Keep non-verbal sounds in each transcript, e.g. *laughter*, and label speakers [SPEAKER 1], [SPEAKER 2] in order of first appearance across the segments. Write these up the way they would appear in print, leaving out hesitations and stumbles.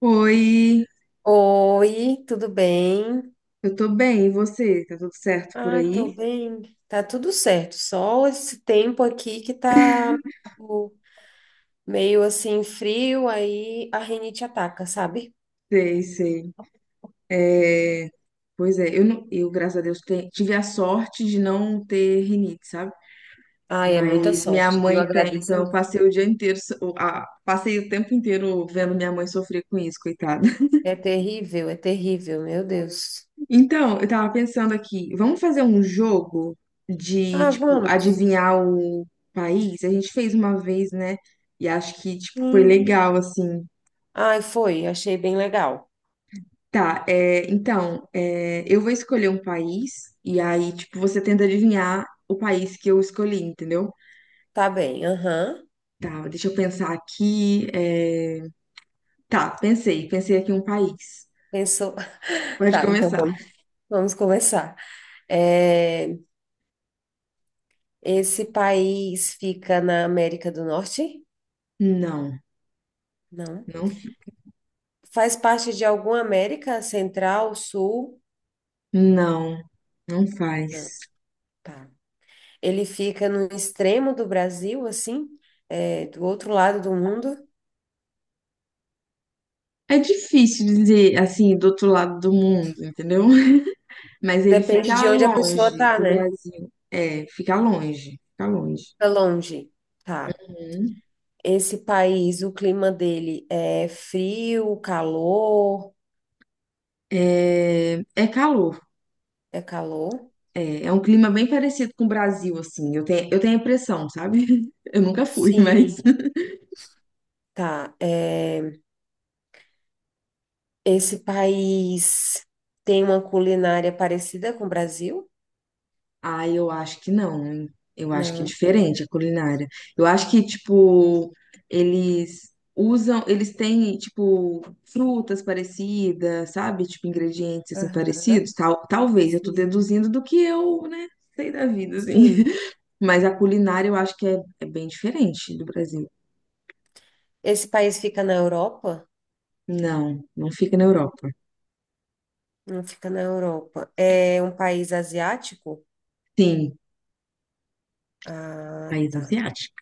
[SPEAKER 1] Oi,
[SPEAKER 2] Oi, tudo bem?
[SPEAKER 1] eu tô bem, e você? Tá tudo certo por
[SPEAKER 2] Ai, tô
[SPEAKER 1] aí?
[SPEAKER 2] bem. Tá tudo certo. Só esse tempo aqui que tá o- meio assim frio, aí a rinite ataca, sabe?
[SPEAKER 1] Sei, sei. É, pois é, eu, não, eu, graças a Deus, tive a sorte de não ter rinite, sabe?
[SPEAKER 2] Ai, é muita
[SPEAKER 1] Mas minha
[SPEAKER 2] sorte, viu?
[SPEAKER 1] mãe tem,
[SPEAKER 2] Agradeço.
[SPEAKER 1] então eu passei o dia inteiro, so- o- a- passei o tempo inteiro vendo minha mãe sofrer com isso, coitada. *laughs*
[SPEAKER 2] É terrível, meu Deus.
[SPEAKER 1] Então, eu tava pensando aqui, vamos fazer um jogo de,
[SPEAKER 2] Ah,
[SPEAKER 1] tipo,
[SPEAKER 2] vamos.
[SPEAKER 1] adivinhar o país? A gente fez uma vez, né? E acho que, tipo, foi
[SPEAKER 2] Hum.
[SPEAKER 1] legal, assim.
[SPEAKER 2] Ai, foi, achei bem legal.
[SPEAKER 1] Tá, é, então, é, eu vou escolher um país e aí, tipo, você tenta adivinhar o país que eu escolhi, entendeu?
[SPEAKER 2] Tá bem, aham.
[SPEAKER 1] Tá, deixa eu pensar aqui. Tá, pensei, pensei aqui um país.
[SPEAKER 2] Pensou. *laughs*
[SPEAKER 1] Pode
[SPEAKER 2] Tá, então
[SPEAKER 1] começar.
[SPEAKER 2] vamos, vamos começar. É, esse país fica na América do Norte?
[SPEAKER 1] Não,
[SPEAKER 2] Não.
[SPEAKER 1] não fica.
[SPEAKER 2] Faz parte de alguma América Central, Sul?
[SPEAKER 1] Não, não faz.
[SPEAKER 2] Não, tá. Ele fica no extremo do Brasil, assim, é, do outro lado do mundo.
[SPEAKER 1] É difícil dizer assim, do outro lado do mundo, entendeu? *laughs* Mas ele
[SPEAKER 2] Depende de
[SPEAKER 1] fica
[SPEAKER 2] onde a pessoa
[SPEAKER 1] longe
[SPEAKER 2] tá,
[SPEAKER 1] do
[SPEAKER 2] né?
[SPEAKER 1] Brasil. É, fica longe, fica longe.
[SPEAKER 2] Tá longe. Tá.
[SPEAKER 1] Uhum.
[SPEAKER 2] Esse país, o clima dele é frio, calor?
[SPEAKER 1] É, é calor.
[SPEAKER 2] É calor?
[SPEAKER 1] É um clima bem parecido com o Brasil, assim. Eu tenho a impressão, sabe? *laughs* Eu nunca fui, *laughs* mas.
[SPEAKER 2] Sim, tá. É, esse país tem uma culinária parecida com o Brasil?
[SPEAKER 1] Ah, eu acho que não. Hein? Eu acho que é
[SPEAKER 2] Não.
[SPEAKER 1] diferente a culinária. Eu acho que, tipo, eles usam, eles têm, tipo, frutas parecidas, sabe? Tipo, ingredientes, assim, parecidos.
[SPEAKER 2] Aham.
[SPEAKER 1] Tal, talvez, eu tô
[SPEAKER 2] Sim.
[SPEAKER 1] deduzindo do que eu, né, sei da vida, assim.
[SPEAKER 2] Sim.
[SPEAKER 1] *laughs* Mas a culinária eu acho que é, é bem diferente do Brasil.
[SPEAKER 2] Esse país fica na Europa?
[SPEAKER 1] Não, não fica na Europa.
[SPEAKER 2] Não fica na Europa. É um país asiático?
[SPEAKER 1] Sim,
[SPEAKER 2] Ah,
[SPEAKER 1] país
[SPEAKER 2] tá,
[SPEAKER 1] asiático.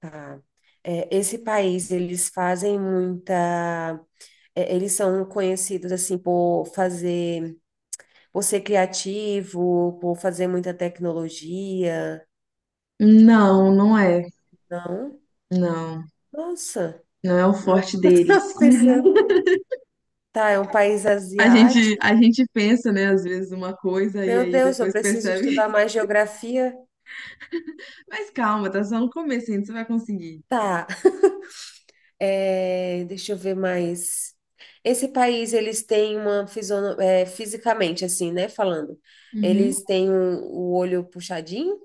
[SPEAKER 2] tá. É, esse país, eles fazem muita. É, eles são conhecidos, assim, por fazer, por ser criativo, por fazer muita tecnologia.
[SPEAKER 1] Não, não é.
[SPEAKER 2] Não?
[SPEAKER 1] Não,
[SPEAKER 2] Nossa,
[SPEAKER 1] não é o
[SPEAKER 2] não
[SPEAKER 1] forte
[SPEAKER 2] *laughs*
[SPEAKER 1] deles.
[SPEAKER 2] estava
[SPEAKER 1] *laughs*
[SPEAKER 2] pensando. Tá, é um país asiático.
[SPEAKER 1] A gente pensa, né, às vezes uma coisa e
[SPEAKER 2] Meu
[SPEAKER 1] aí
[SPEAKER 2] Deus, eu
[SPEAKER 1] depois
[SPEAKER 2] preciso
[SPEAKER 1] percebe.
[SPEAKER 2] estudar mais geografia.
[SPEAKER 1] *laughs* Mas calma, tá só no começo ainda, você vai conseguir.
[SPEAKER 2] Tá. É, deixa eu ver mais. Esse país, eles têm uma é, fisicamente, assim, né? Falando.
[SPEAKER 1] Uhum.
[SPEAKER 2] Eles têm o olho puxadinho?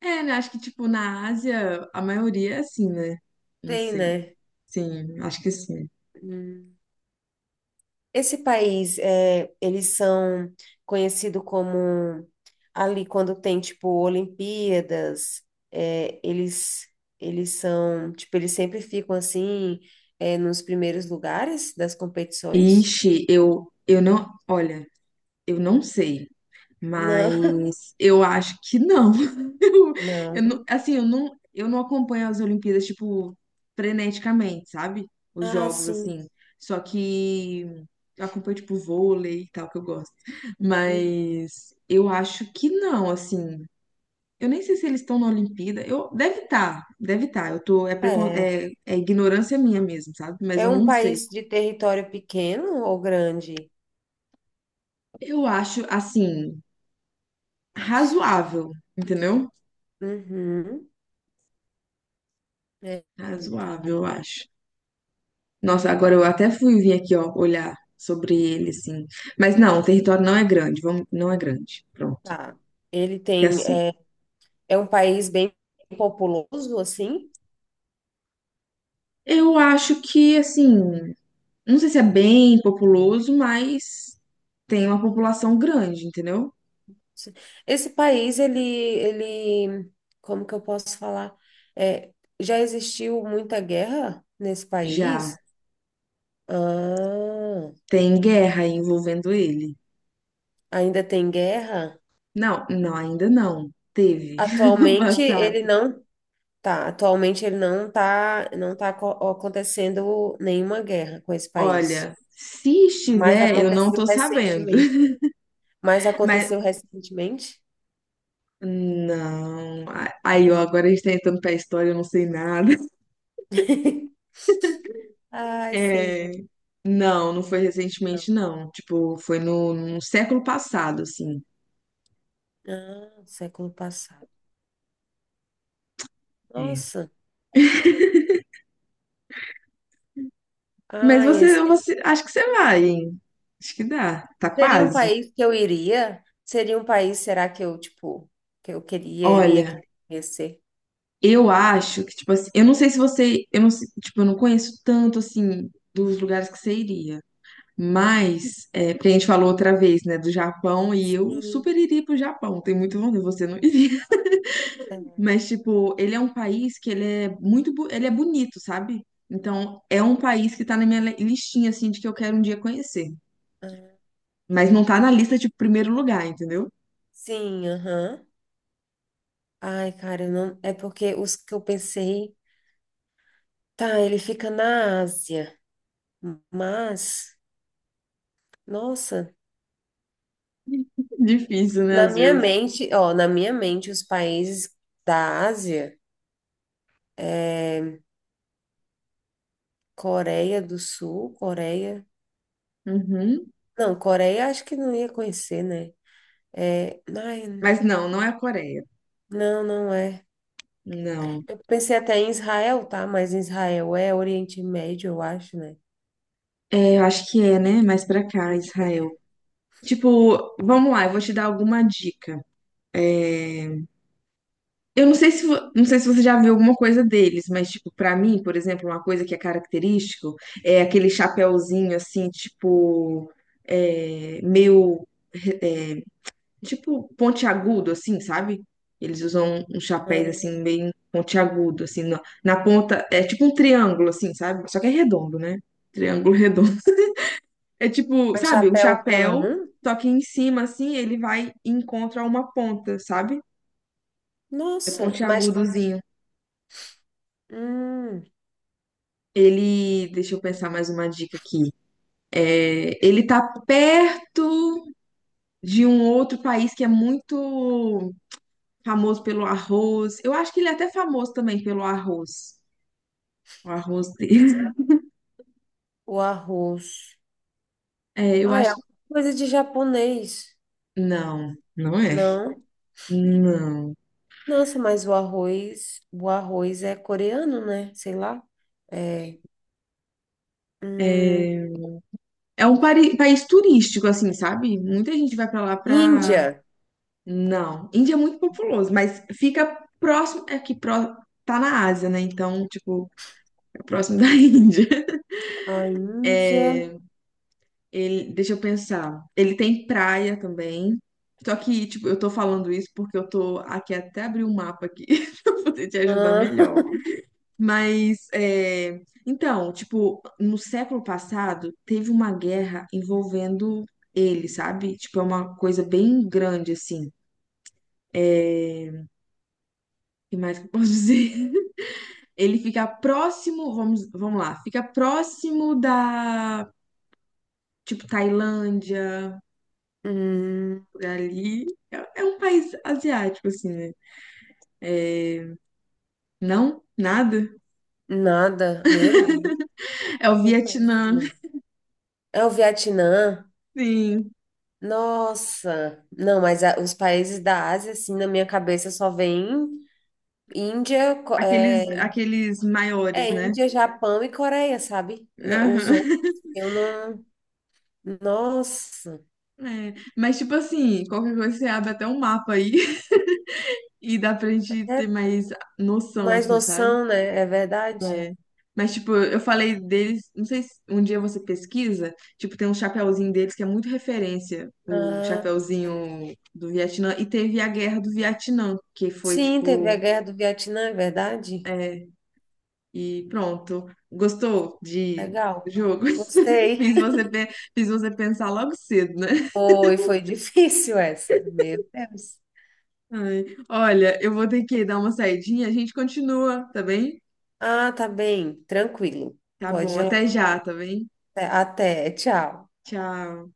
[SPEAKER 1] É, né, acho que, tipo, na Ásia, a maioria é assim, né? Não
[SPEAKER 2] Tem,
[SPEAKER 1] sei.
[SPEAKER 2] né?
[SPEAKER 1] Sim, acho que sim.
[SPEAKER 2] Hum. Esse país, é, eles são conhecidos como ali quando tem, tipo, Olimpíadas, é, eles são, tipo, eles sempre ficam assim, é, nos primeiros lugares das competições?
[SPEAKER 1] Ixi, eu não. Olha, eu não sei.
[SPEAKER 2] Não, *laughs*
[SPEAKER 1] Mas eu acho que não. *laughs* Eu, eu
[SPEAKER 2] não.
[SPEAKER 1] assim, eu não acompanho as Olimpíadas, tipo, freneticamente, sabe? Os
[SPEAKER 2] Ah,
[SPEAKER 1] jogos,
[SPEAKER 2] sim.
[SPEAKER 1] assim. Só que eu acompanho, tipo, vôlei e tal, que eu gosto.
[SPEAKER 2] Hum.
[SPEAKER 1] Mas eu acho que não, assim. Eu nem sei se eles estão na Olimpíada. Eu, deve estar, deve estar. Eu tô, é,
[SPEAKER 2] É.
[SPEAKER 1] é, é ignorância minha mesmo, sabe? Mas
[SPEAKER 2] É
[SPEAKER 1] eu
[SPEAKER 2] um
[SPEAKER 1] não sei.
[SPEAKER 2] país de território pequeno ou grande?
[SPEAKER 1] Eu acho, assim, razoável, entendeu?
[SPEAKER 2] Uhum. É, deixa
[SPEAKER 1] Razoável,
[SPEAKER 2] eu-
[SPEAKER 1] eu acho. Nossa, agora eu até fui vir aqui, ó, olhar sobre ele, assim. Mas não, o território não é grande, vamos, não é grande. Pronto.
[SPEAKER 2] tá. Ele
[SPEAKER 1] É
[SPEAKER 2] tem,
[SPEAKER 1] assim.
[SPEAKER 2] é, é um país bem populoso, assim.
[SPEAKER 1] Eu acho que, assim, não sei se é bem populoso, mas tem uma população grande, entendeu?
[SPEAKER 2] Esse país, ele, como que eu posso falar? É, já existiu muita guerra nesse
[SPEAKER 1] Já
[SPEAKER 2] país? Ah,
[SPEAKER 1] tem guerra envolvendo ele.
[SPEAKER 2] ainda tem guerra?
[SPEAKER 1] Não, não, ainda não. Teve *laughs* no
[SPEAKER 2] Atualmente ele
[SPEAKER 1] passado.
[SPEAKER 2] não tá, atualmente ele não tá, acontecendo nenhuma guerra com esse país.
[SPEAKER 1] Olha, se
[SPEAKER 2] Mas
[SPEAKER 1] estiver, eu não
[SPEAKER 2] aconteceu
[SPEAKER 1] tô sabendo.
[SPEAKER 2] recentemente. Mas
[SPEAKER 1] *laughs* Mas
[SPEAKER 2] aconteceu recentemente?
[SPEAKER 1] não. Aí, ó, agora a gente tá entrando pra história, eu não sei nada.
[SPEAKER 2] *laughs* Ai, sei
[SPEAKER 1] É. Não, não foi
[SPEAKER 2] não.
[SPEAKER 1] recentemente, não. Tipo, foi no, no século passado, assim.
[SPEAKER 2] Ah, século passado.
[SPEAKER 1] É.
[SPEAKER 2] Nossa.
[SPEAKER 1] Mas
[SPEAKER 2] Ai, esse
[SPEAKER 1] você, você, acho que você vai, hein? Acho que dá. Tá
[SPEAKER 2] seria um
[SPEAKER 1] quase.
[SPEAKER 2] país que eu iria? Seria um país, será que eu, tipo, que eu queria, iria
[SPEAKER 1] Olha,
[SPEAKER 2] querer conhecer?
[SPEAKER 1] eu acho que, tipo assim, eu não sei se você, eu não, sei- tipo, eu não conheço tanto, assim, dos lugares que você iria. Mas, é, porque a gente falou outra vez, né, do Japão, e eu super
[SPEAKER 2] Sim.
[SPEAKER 1] iria pro Japão. Tenho muito vontade, você não iria.
[SPEAKER 2] É.
[SPEAKER 1] Mas, tipo, ele é um país que ele é muito, ele é bonito, sabe? Então, é um país que tá na minha listinha, assim, de que eu quero um dia conhecer.
[SPEAKER 2] Ah,
[SPEAKER 1] Mas não tá na lista de primeiro lugar, entendeu?
[SPEAKER 2] sim, aham. Ai, cara, eu não. É porque os que eu pensei. Tá, ele fica na Ásia, mas. Nossa.
[SPEAKER 1] *laughs* Difícil, né,
[SPEAKER 2] Na
[SPEAKER 1] às
[SPEAKER 2] minha
[SPEAKER 1] vezes.
[SPEAKER 2] mente, ó, na minha mente, os países da Ásia é Coreia do Sul, Coreia.
[SPEAKER 1] Uhum.
[SPEAKER 2] Não, Coreia acho que não ia conhecer, né? É, ai,
[SPEAKER 1] Mas não, não é a Coreia.
[SPEAKER 2] não, não é.
[SPEAKER 1] Não.
[SPEAKER 2] Eu pensei até em Israel, tá? Mas Israel é Oriente Médio, eu acho, né?
[SPEAKER 1] É, eu acho que é, né? Mais pra cá, Israel. Tipo, vamos lá, eu vou te dar alguma dica. É, eu não sei se, não sei se você já viu alguma coisa deles, mas, tipo, pra mim, por exemplo, uma coisa que é característico é aquele chapéuzinho, assim, tipo, é, meio, é, tipo, pontiagudo, assim, sabe? Eles usam um chapéu,
[SPEAKER 2] Hum,
[SPEAKER 1] assim, meio pontiagudo, assim, na, na ponta, é tipo um triângulo, assim, sabe? Só que é redondo, né? Triângulo *laughs* redondo. É tipo,
[SPEAKER 2] mas
[SPEAKER 1] sabe, um
[SPEAKER 2] chapéu
[SPEAKER 1] chapéu,
[SPEAKER 2] comum?
[SPEAKER 1] só que em cima, assim, ele vai e encontra uma ponta, sabe? É
[SPEAKER 2] Nossa, mas
[SPEAKER 1] pontiagudozinho.
[SPEAKER 2] hum,
[SPEAKER 1] Ele, deixa eu pensar mais uma dica aqui. É, ele tá perto de um outro país que é muito famoso pelo arroz. Eu acho que ele é até famoso também pelo arroz. O arroz dele. *laughs*
[SPEAKER 2] o arroz.
[SPEAKER 1] É, eu
[SPEAKER 2] Ah, é
[SPEAKER 1] acho.
[SPEAKER 2] alguma coisa de japonês.
[SPEAKER 1] Não, não é.
[SPEAKER 2] Não.
[SPEAKER 1] Não.
[SPEAKER 2] Nossa, mas o arroz é coreano, né? Sei lá. É. Hum,
[SPEAKER 1] É um país turístico, assim, sabe? Muita gente vai pra lá pra.
[SPEAKER 2] Índia.
[SPEAKER 1] Não. Índia é muito populoso, mas fica próximo. É que pró... tá na Ásia, né? Então, tipo, é próximo da *laughs* Índia.
[SPEAKER 2] A Índia.
[SPEAKER 1] Ele, deixa eu pensar. Ele tem praia também. Só que, tipo, eu tô falando isso porque eu tô aqui até abrir um mapa aqui *laughs* pra poder te ajudar
[SPEAKER 2] Ah,
[SPEAKER 1] melhor.
[SPEAKER 2] *laughs*
[SPEAKER 1] Mas, é, então, tipo, no século passado teve uma guerra envolvendo ele, sabe? Tipo, é uma coisa bem grande, assim. É, o que mais que eu posso *laughs* dizer? Ele fica próximo, vamos, vamos lá, fica próximo da, tipo, Tailândia,
[SPEAKER 2] hum,
[SPEAKER 1] por ali. É, é um país asiático, assim, né? Não? Nada?
[SPEAKER 2] nada. Meu Deus,
[SPEAKER 1] É o
[SPEAKER 2] tô
[SPEAKER 1] Vietnã,
[SPEAKER 2] péssima. É o Vietnã.
[SPEAKER 1] sim.
[SPEAKER 2] Nossa. Não, mas os países da Ásia, assim, na minha cabeça só vem Índia, é,
[SPEAKER 1] Aqueles, aqueles maiores,
[SPEAKER 2] é
[SPEAKER 1] né?
[SPEAKER 2] Índia, Japão e Coreia, sabe? Na- Os outros,
[SPEAKER 1] Aham.
[SPEAKER 2] eu não. Nossa.
[SPEAKER 1] É, mas, tipo assim, qualquer coisa você abre até um mapa aí *laughs* e dá pra gente
[SPEAKER 2] É
[SPEAKER 1] ter mais noção,
[SPEAKER 2] mais
[SPEAKER 1] assim, sabe?
[SPEAKER 2] noção, né? É verdade.
[SPEAKER 1] É. Mas, tipo, eu falei deles, não sei se um dia você pesquisa, tipo, tem um chapeuzinho deles que é muito referência, o
[SPEAKER 2] Ah,
[SPEAKER 1] chapeuzinho do Vietnã, e teve a Guerra do Vietnã, que foi,
[SPEAKER 2] sim, teve a
[SPEAKER 1] tipo,
[SPEAKER 2] Guerra do Vietnã, é verdade?
[SPEAKER 1] é, e pronto. Gostou de
[SPEAKER 2] Legal.
[SPEAKER 1] jogo? *laughs*
[SPEAKER 2] Gostei.
[SPEAKER 1] Fiz você, fiz você pensar logo cedo, né?
[SPEAKER 2] Foi, foi *laughs* difícil essa. Meu Deus.
[SPEAKER 1] Ai, olha, eu vou ter que dar uma saidinha, a gente continua, tá bem?
[SPEAKER 2] Ah, tá bem. Tranquilo.
[SPEAKER 1] Tá bom,
[SPEAKER 2] Pode ir lá.
[SPEAKER 1] até já, tá bem?
[SPEAKER 2] Até, até, tchau.
[SPEAKER 1] Tchau.